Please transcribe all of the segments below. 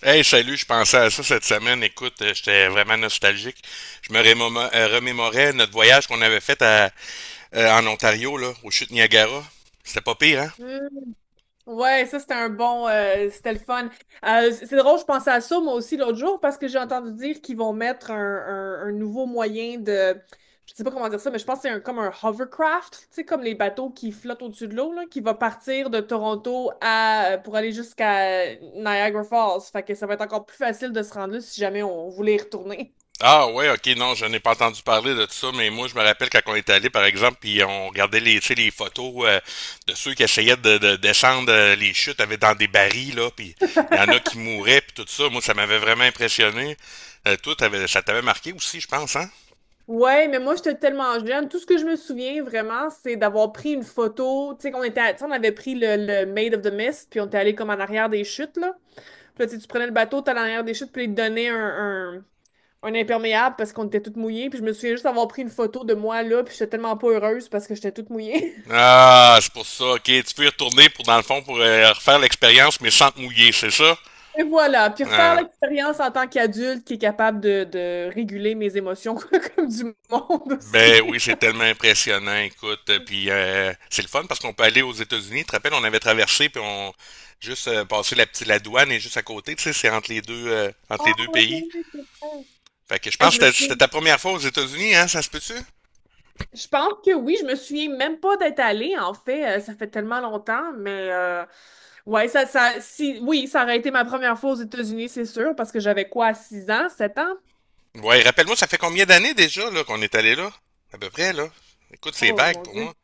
Hey, salut, je pensais à ça cette semaine. Écoute, j'étais vraiment nostalgique. Je me remémorais notre voyage qu'on avait fait en Ontario, là, aux chutes Niagara. C'était pas pire, hein? Mm. Ouais, ça c'était un bon, c'était le fun. C'est drôle, je pensais à ça moi aussi l'autre jour parce que j'ai entendu dire qu'ils vont mettre un, un nouveau moyen de, je sais pas comment dire ça, mais je pense que c'est comme un hovercraft, tu sais, comme les bateaux qui flottent au-dessus de l'eau, là, qui va partir de Toronto pour aller jusqu'à Niagara Falls. Fait que ça va être encore plus facile de se rendre là si jamais on voulait y retourner. Ah ouais, ok, non, je n'ai pas entendu parler de tout ça, mais moi je me rappelle quand on est allé, par exemple, puis on regardait les, tu sais, les photos de ceux qui essayaient de descendre les chutes avec dans des barils, là, puis il y en a qui mouraient, puis tout ça. Moi, ça m'avait vraiment impressionné. Toi, ça t'avait marqué aussi, je pense, hein? Ouais, mais moi, j'étais tellement jeune. Tout ce que je me souviens vraiment, c'est d'avoir pris une photo. Tu sais, qu'on était, tu sais, on avait pris le Maid of the Mist, puis on était allé comme en arrière des chutes, là. Puis là, tu sais, tu prenais le bateau, t'allais en arrière des chutes, puis ils te donnaient un imperméable parce qu'on était toutes mouillées. Puis je me souviens juste avoir pris une photo de moi, là, puis j'étais tellement pas heureuse parce que j'étais toute mouillée. Ah, c'est pour ça. Ok, tu peux y retourner pour, dans le fond, pour refaire l'expérience, mais sans te mouiller, c'est ça? Et voilà. Puis refaire Ah. l'expérience en tant qu'adulte qui est capable de réguler mes émotions comme du monde Ben aussi. oui, c'est tellement impressionnant, écoute. Puis c'est le fun parce qu'on peut aller aux États-Unis. Tu te rappelles, on avait traversé puis on juste passé la douane et juste à côté, tu sais, c'est entre Ah les deux pays. ouais. Fait que je Hey, pense je me que c'était souviens. ta première fois aux États-Unis, hein, ça se peut-tu? Je pense que oui, je me souviens même pas d'être allée, en fait, ça fait tellement longtemps, mais ouais, si, oui, ça aurait été ma première fois aux États-Unis, c'est sûr, parce que j'avais quoi, 6 ans, 7 ans? Ouais, rappelle-moi, ça fait combien d'années déjà là qu'on est allé là? À peu près là. Écoute, c'est Oh vague mon pour Dieu, moi.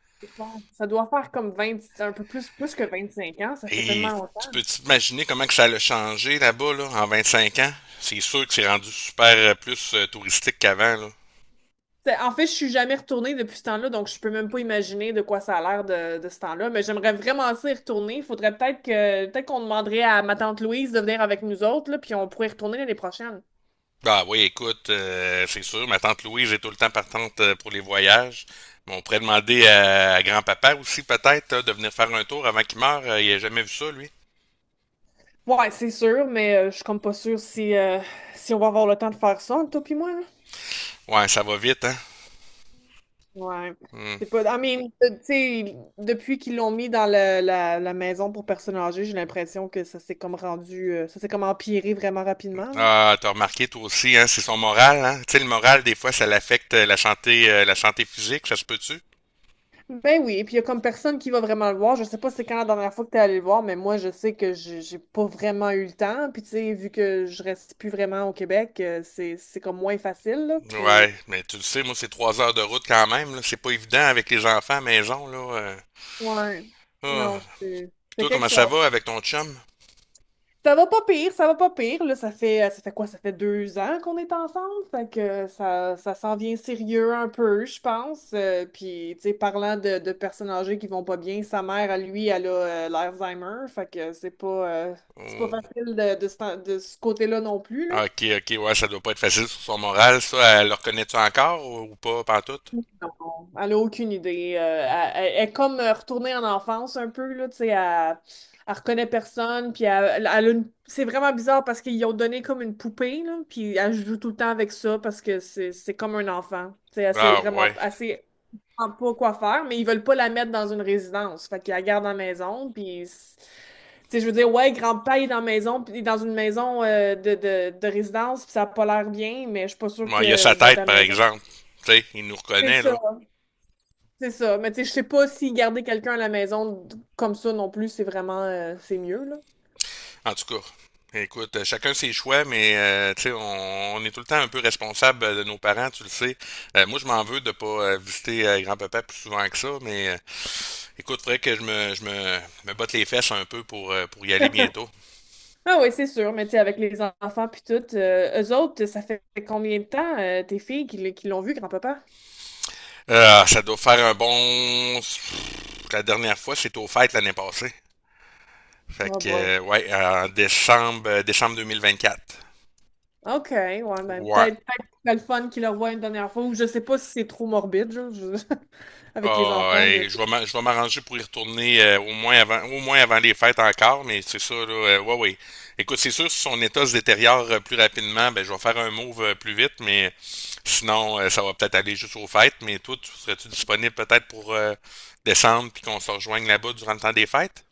ça doit faire comme 20, un peu plus que 25 ans, ça fait Et tellement tu longtemps. peux t'imaginer comment que ça a changé là-bas là, en 25 ans? C'est sûr que c'est rendu super plus touristique qu'avant. Là. En fait, je suis jamais retournée depuis ce temps-là, donc je peux même pas imaginer de quoi ça a l'air de ce temps-là, mais j'aimerais vraiment s'y retourner. Il faudrait peut-être qu'on demanderait à ma tante Louise de venir avec nous autres, là, puis on pourrait y retourner l'année prochaine. Ah oui, écoute, c'est sûr, ma tante Louise est tout le temps partante pour les voyages. Mais on pourrait demander à grand-papa aussi peut-être de venir faire un tour avant qu'il meure. Il a jamais vu ça, lui. Ouais, c'est sûr, mais je suis comme pas sûre si on va avoir le temps de faire ça, entre toi pis moi, là. Ouais, ça va vite, hein. Ouais. Hmm. C'est pas. I mean, tu sais, depuis qu'ils l'ont mis dans la maison pour personnes âgées, j'ai l'impression que ça s'est comme ça s'est comme empiré vraiment rapidement, là. Ah, t'as remarqué toi aussi, hein, c'est son moral, hein. Tu sais, le moral, des fois, ça l'affecte la santé physique, ça se peut-tu? Ben oui, et puis il y a comme personne qui va vraiment le voir. Je sais pas c'est quand la dernière fois que t'es allé le voir, mais moi, je sais que j'ai pas vraiment eu le temps. Puis tu sais, vu que je reste plus vraiment au Québec, c'est comme moins facile, là. Puis. Ouais, mais tu le sais, moi, c'est 3 heures de route quand même, là. C'est pas évident avec les enfants à maison, là. Ouais. Ah. Non, c'est Puis c'est toi, quelque comment ça chose. va avec ton chum? Ça va pas pire, ça va pas pire. Là, ça fait quoi? Ça fait 2 ans qu'on est ensemble. Fait que ça s'en vient sérieux un peu, je pense. Puis, tu sais, parlant de personnes âgées qui vont pas bien, sa mère, à lui, elle a l'Alzheimer. Fait que c'est pas Oh. facile de ce côté-là non plus. Ah, Ok, ok, ouais, ça doit pas être facile sur son moral, ça. Elle le reconnaît-tu encore ou pas, pantoute? Non, elle n'a aucune idée. Elle est comme retournée en enfance un peu, là, tu sais, elle reconnaît personne, puis c'est vraiment bizarre parce qu'ils ont donné comme une poupée, là, puis elle joue tout le temps avec ça parce que c'est comme un enfant. Tu sais, elle sait Ah, vraiment ouais. elle sait vraiment pas quoi faire, mais ils veulent pas la mettre dans une résidence. Fait qu'ils la gardent à la maison, Tu sais, je veux dire, ouais, grand-père il est dans la maison, puis il est dans une maison de résidence, puis ça a pas l'air bien, mais je suis pas sûre Moi, il a que sa d'être à tête, la par maison. exemple. Tu sais, il nous C'est reconnaît, ça. là. C'est ça. Mais tu sais, je sais pas si garder quelqu'un à la maison comme ça non plus, c'est mieux, là. En tout cas, écoute, chacun ses choix, mais, tu sais, on est tout le temps un peu responsable de nos parents, tu le sais. Moi, je m'en veux de pas visiter grand-papa plus souvent que ça, mais, écoute, faudrait que je me botte les fesses un peu pour y aller bientôt. Ah oui, c'est sûr. Mais tu sais, avec les enfants puis tout, eux autres, ça fait combien de temps, tes filles, qui l'ont vu, grand-papa? Ça doit faire un bon. La dernière fois, c'était aux fêtes l'année passée. Fait Oh que, boy. Ouais, en décembre, décembre 2024. OK, ouais, ben Ouais, peut-être que c'est le fun qu'ils le voient une dernière fois, ou je sais pas si c'est trop morbide, genre, avec les Ah, enfants et de. je vais je vais m'arranger pour y retourner au moins avant les fêtes encore, mais c'est ça, là, ouais, ouais. Écoute, c'est sûr, si son état se détériore plus rapidement, ben je vais faire un move plus vite, mais sinon, ça va peut-être aller juste aux fêtes. Mais toi, tu serais-tu disponible peut-être pour descendre puis qu'on se rejoigne là-bas durant le temps des fêtes?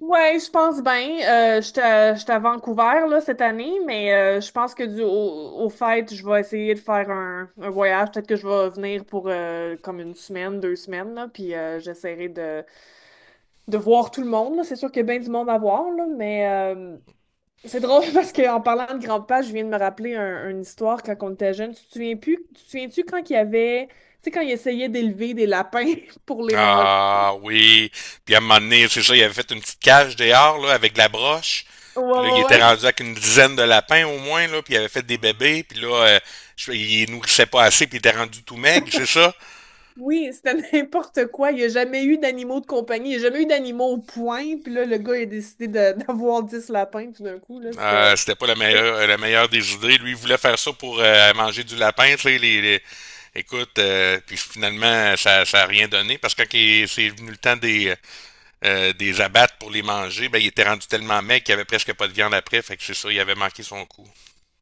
Ouais, je pense bien. J'étais à Vancouver là, cette année, mais je pense que au fait, je vais essayer de faire un voyage. Peut-être que je vais venir pour comme 1 semaine, 2 semaines, là, puis j'essaierai de voir tout le monde. Là. C'est sûr qu'il y a bien du monde à voir, là, mais euh, c'est drôle parce qu'en parlant de grand-papa, je viens de me rappeler une histoire quand on était jeune. Tu te souviens-tu quand il y avait, tu sais, quand il essayait d'élever des lapins pour les manger? Ah oui. Puis à un moment donné, c'est ça, il avait fait une petite cage dehors là, avec de la broche. Ouais, Puis là, il était ouais. rendu avec une dizaine de lapins au moins, là, puis il avait fait des bébés, puis là, il nourrissait pas assez, puis il était rendu tout maigre, c'est ça? Oui, c'était n'importe quoi. Il n'y a jamais eu d'animaux de compagnie. Il n'y a jamais eu d'animaux au point. Puis là, le gars, il a décidé d'avoir 10 lapins tout d'un coup. Là, Euh, c'était. c'était pas la meilleure des idées. Lui, il voulait faire ça pour manger du lapin, tu sais. Écoute, puis finalement, ça a rien donné, parce que c'est venu le temps des, abattre pour les manger, ben, il était rendu tellement maigre qu'il avait presque pas de viande après, fait que c'est ça, il avait manqué son coup.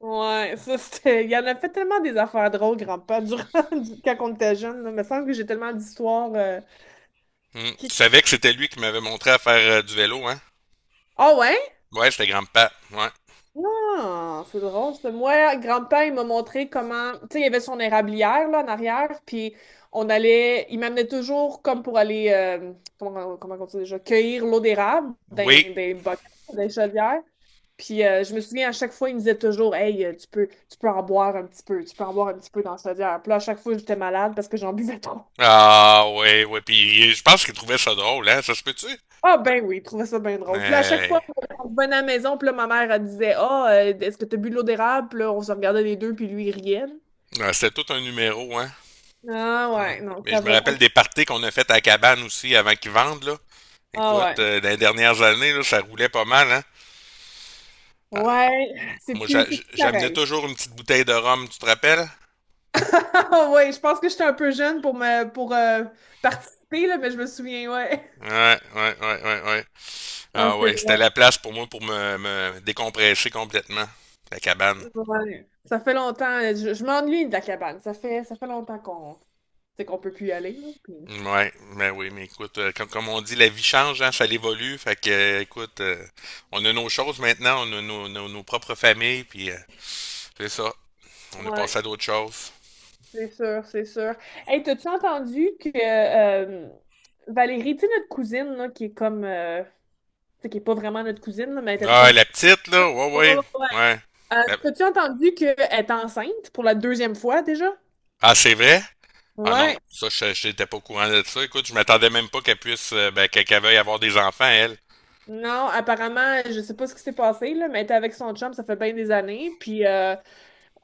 Ouais, ça, c'était. Il y en a fait tellement des affaires drôles, grand-père, durant quand on était jeune, là. Il me semble que j'ai tellement d'histoires Hmm. qui. Tu savais que c'était lui qui m'avait montré à faire du vélo, hein? Ah ouais? Ouais, c'était grand-père. Ouais. Ah, c'est drôle, ça. Moi, grand-père, il m'a montré comment. Tu sais, il y avait son érablière, là, en arrière, puis on allait. Il m'amenait toujours comme pour aller. Comment on dit déjà? Cueillir l'eau d'érable Oui. dans des bocaux, des chaudières. Puis je me souviens, à chaque fois, il me disait toujours, Hey, tu peux en boire un petit peu, tu peux en boire un petit peu dans la chaudière. Puis là, à chaque fois, j'étais malade parce que j'en buvais trop. Ah, ouais, ouais. Puis je pense qu'il trouvait ça drôle, hein? Ça se peut-tu? Ah, ben oui, il trouvait ça bien drôle. Puis là, à chaque fois, Mais on revenait à la maison, puis là, ma mère, elle disait, Ah, est-ce que tu as bu de l'eau d'érable? Puis là, on se regardait les deux, puis lui, il riait. ouais, Ah, c'était tout un numéro, hein? Ah Hmm. ouais, non, Mais ça je me va quand. rappelle des parties qu'on a faites à la cabane aussi avant qu'ils vendent, là. Ah Écoute, ouais. Dans les dernières années, là, ça roulait pas mal, hein? Ah, Ouais, c'est moi, plus, c'est plus j'amenais pareil. toujours une petite bouteille de rhum, tu te rappelles? Ouais, je pense que j'étais un peu jeune pour participer, là, mais je me souviens, ouais. Ouais, ouais, ouais, ouais, ouais. Ah, Ah c'est ouais, c'était drôle. la place pour moi pour me décompresser complètement. La cabane. Ouais. Ça fait longtemps, là. Je m'ennuie de la cabane. Ça fait longtemps qu'on peut plus y aller, là, Ouais, mais oui, mais écoute, comme on dit, la vie change, hein, ça évolue. Fait que, écoute, on a nos choses maintenant, on a nos propres familles, puis c'est ça. On a Ouais, passé à d'autres choses. c'est sûr, c'est sûr. Hey, t'as-tu entendu que euh, Valérie, tu sais, notre cousine, là, qui est comme tu sais, qui est pas vraiment notre cousine, là, mais elle était Ah, comme. la petite, là, ouais, ouais, ouais. La- T'as-tu entendu qu'elle est enceinte pour la deuxième fois déjà? Ah, c'est vrai? Ah non, Ouais. ça, je n'étais pas au courant de ça. Écoute, je m'attendais même pas qu'elle puisse, ben, qu'elle veuille avoir des enfants, elle. Non, apparemment, je sais pas ce qui s'est passé, là, mais elle était avec son chum, ça fait bien des années, puis euh,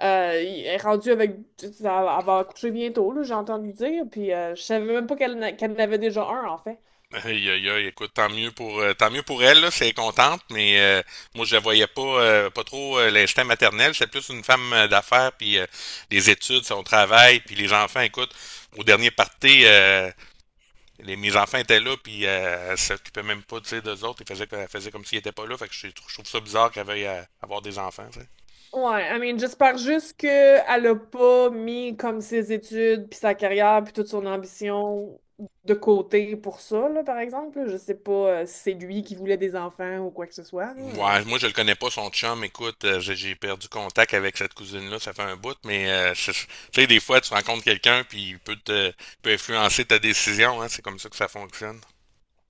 euh, il est rendue avec. Elle va accoucher bientôt, là, j'ai entendu dire, puis je savais même pas qu'elle n'a- qu'elle en avait déjà un, en fait. Aïe, aïe, aïe, écoute, tant mieux pour elle, là, c'est contente, mais moi, je la voyais pas trop l'instinct maternel. C'est plus une femme d'affaires, puis les études, son travail, puis les enfants. Écoute, au dernier party, mes enfants étaient là, puis elle s'occupait même pas, tu sais, d'eux autres. Elle faisait comme s'ils étaient pas là. Fait que je trouve ça bizarre qu'elle veuille avoir des enfants, tu sais. Ouais, I mean, j'espère juste qu'elle a pas mis comme ses études, puis sa carrière, puis toute son ambition de côté pour ça, là, par exemple, là. Je sais pas si c'est lui qui voulait des enfants ou quoi que ce soit, là. Ouais, moi je le connais pas, son chum. Écoute, j'ai perdu contact avec cette cousine-là, ça fait un bout, mais tu sais, des fois tu rencontres quelqu'un puis il peut influencer ta décision, hein, c'est comme ça que ça fonctionne.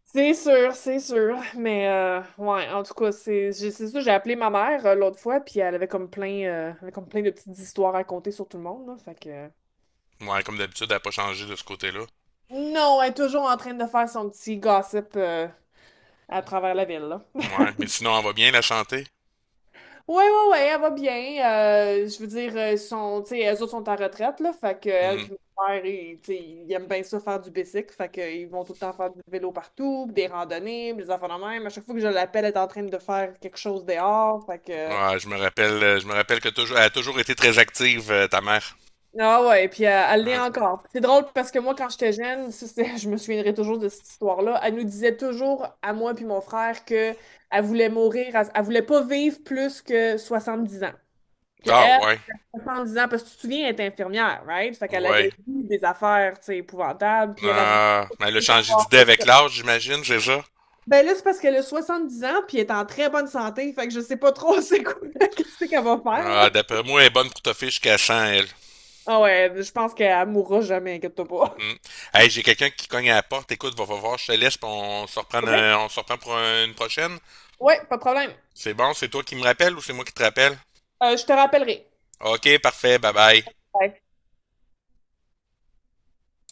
C'est sûr, c'est sûr. Mais ouais, en tout cas, c'est ça, j'ai appelé ma mère l'autre fois, puis elle avait comme plein de petites histoires à raconter sur tout le monde, là. Fait que. Ouais, comme d'habitude, elle n'a pas changé de ce côté-là. Non, elle est toujours en train de faire son petit gossip à travers la ville, là. Ouais, mais sinon elle va bien la santé. Ouais, ouais, ouais, elle va bien. Je veux dire, tu sais, elles autres sont en retraite, là. Fait que, elle Hmm. puis mon père, ils, tu sais, ils aiment bien ça faire du bicycle. Fait que, ils vont tout le temps faire du vélo partout, puis des randonnées, puis des affaires de même. À chaque fois que je l'appelle, elle est en train de faire quelque chose dehors. Fait que, Ouais, je me rappelle que toujours, elle a toujours été très active, ta mère. ah ouais, puis elle l'est Hein? encore. C'est drôle parce que moi, quand j'étais jeune, je me souviendrai toujours de cette histoire-là. Elle nous disait toujours, à moi puis mon frère, que elle voulait mourir, elle, elle voulait pas vivre plus que 70 ans. Que Ah elle, ouais, 70 ans, parce que tu te souviens, elle était infirmière, right? Fait qu'elle avait ouais. vu des affaires, tu sais, épouvantables, puis elle a voulu Ah, mais elle a rien changé savoir. d'idée avec l'âge, j'imagine, c'est ça? Ben là, c'est parce qu'elle a 70 ans, puis elle est en très bonne santé, fait que je sais pas trop c'est quoi, qu'est-ce qu'elle va faire, là. Ah, d'après moi, elle est bonne pour toffer jusqu'à 100 elle. Ah ouais, je pense qu'elle mourra jamais, inquiète-toi pas. Mm. Hey, j'ai quelqu'un qui cogne à la porte. Écoute, va voir, je te laisse, puis OK? On se reprend pour une prochaine. Ouais, pas de problème. C'est bon, c'est toi qui me rappelles ou c'est moi qui te rappelle? Je te rappellerai. Ok, parfait, bye bye. Bye.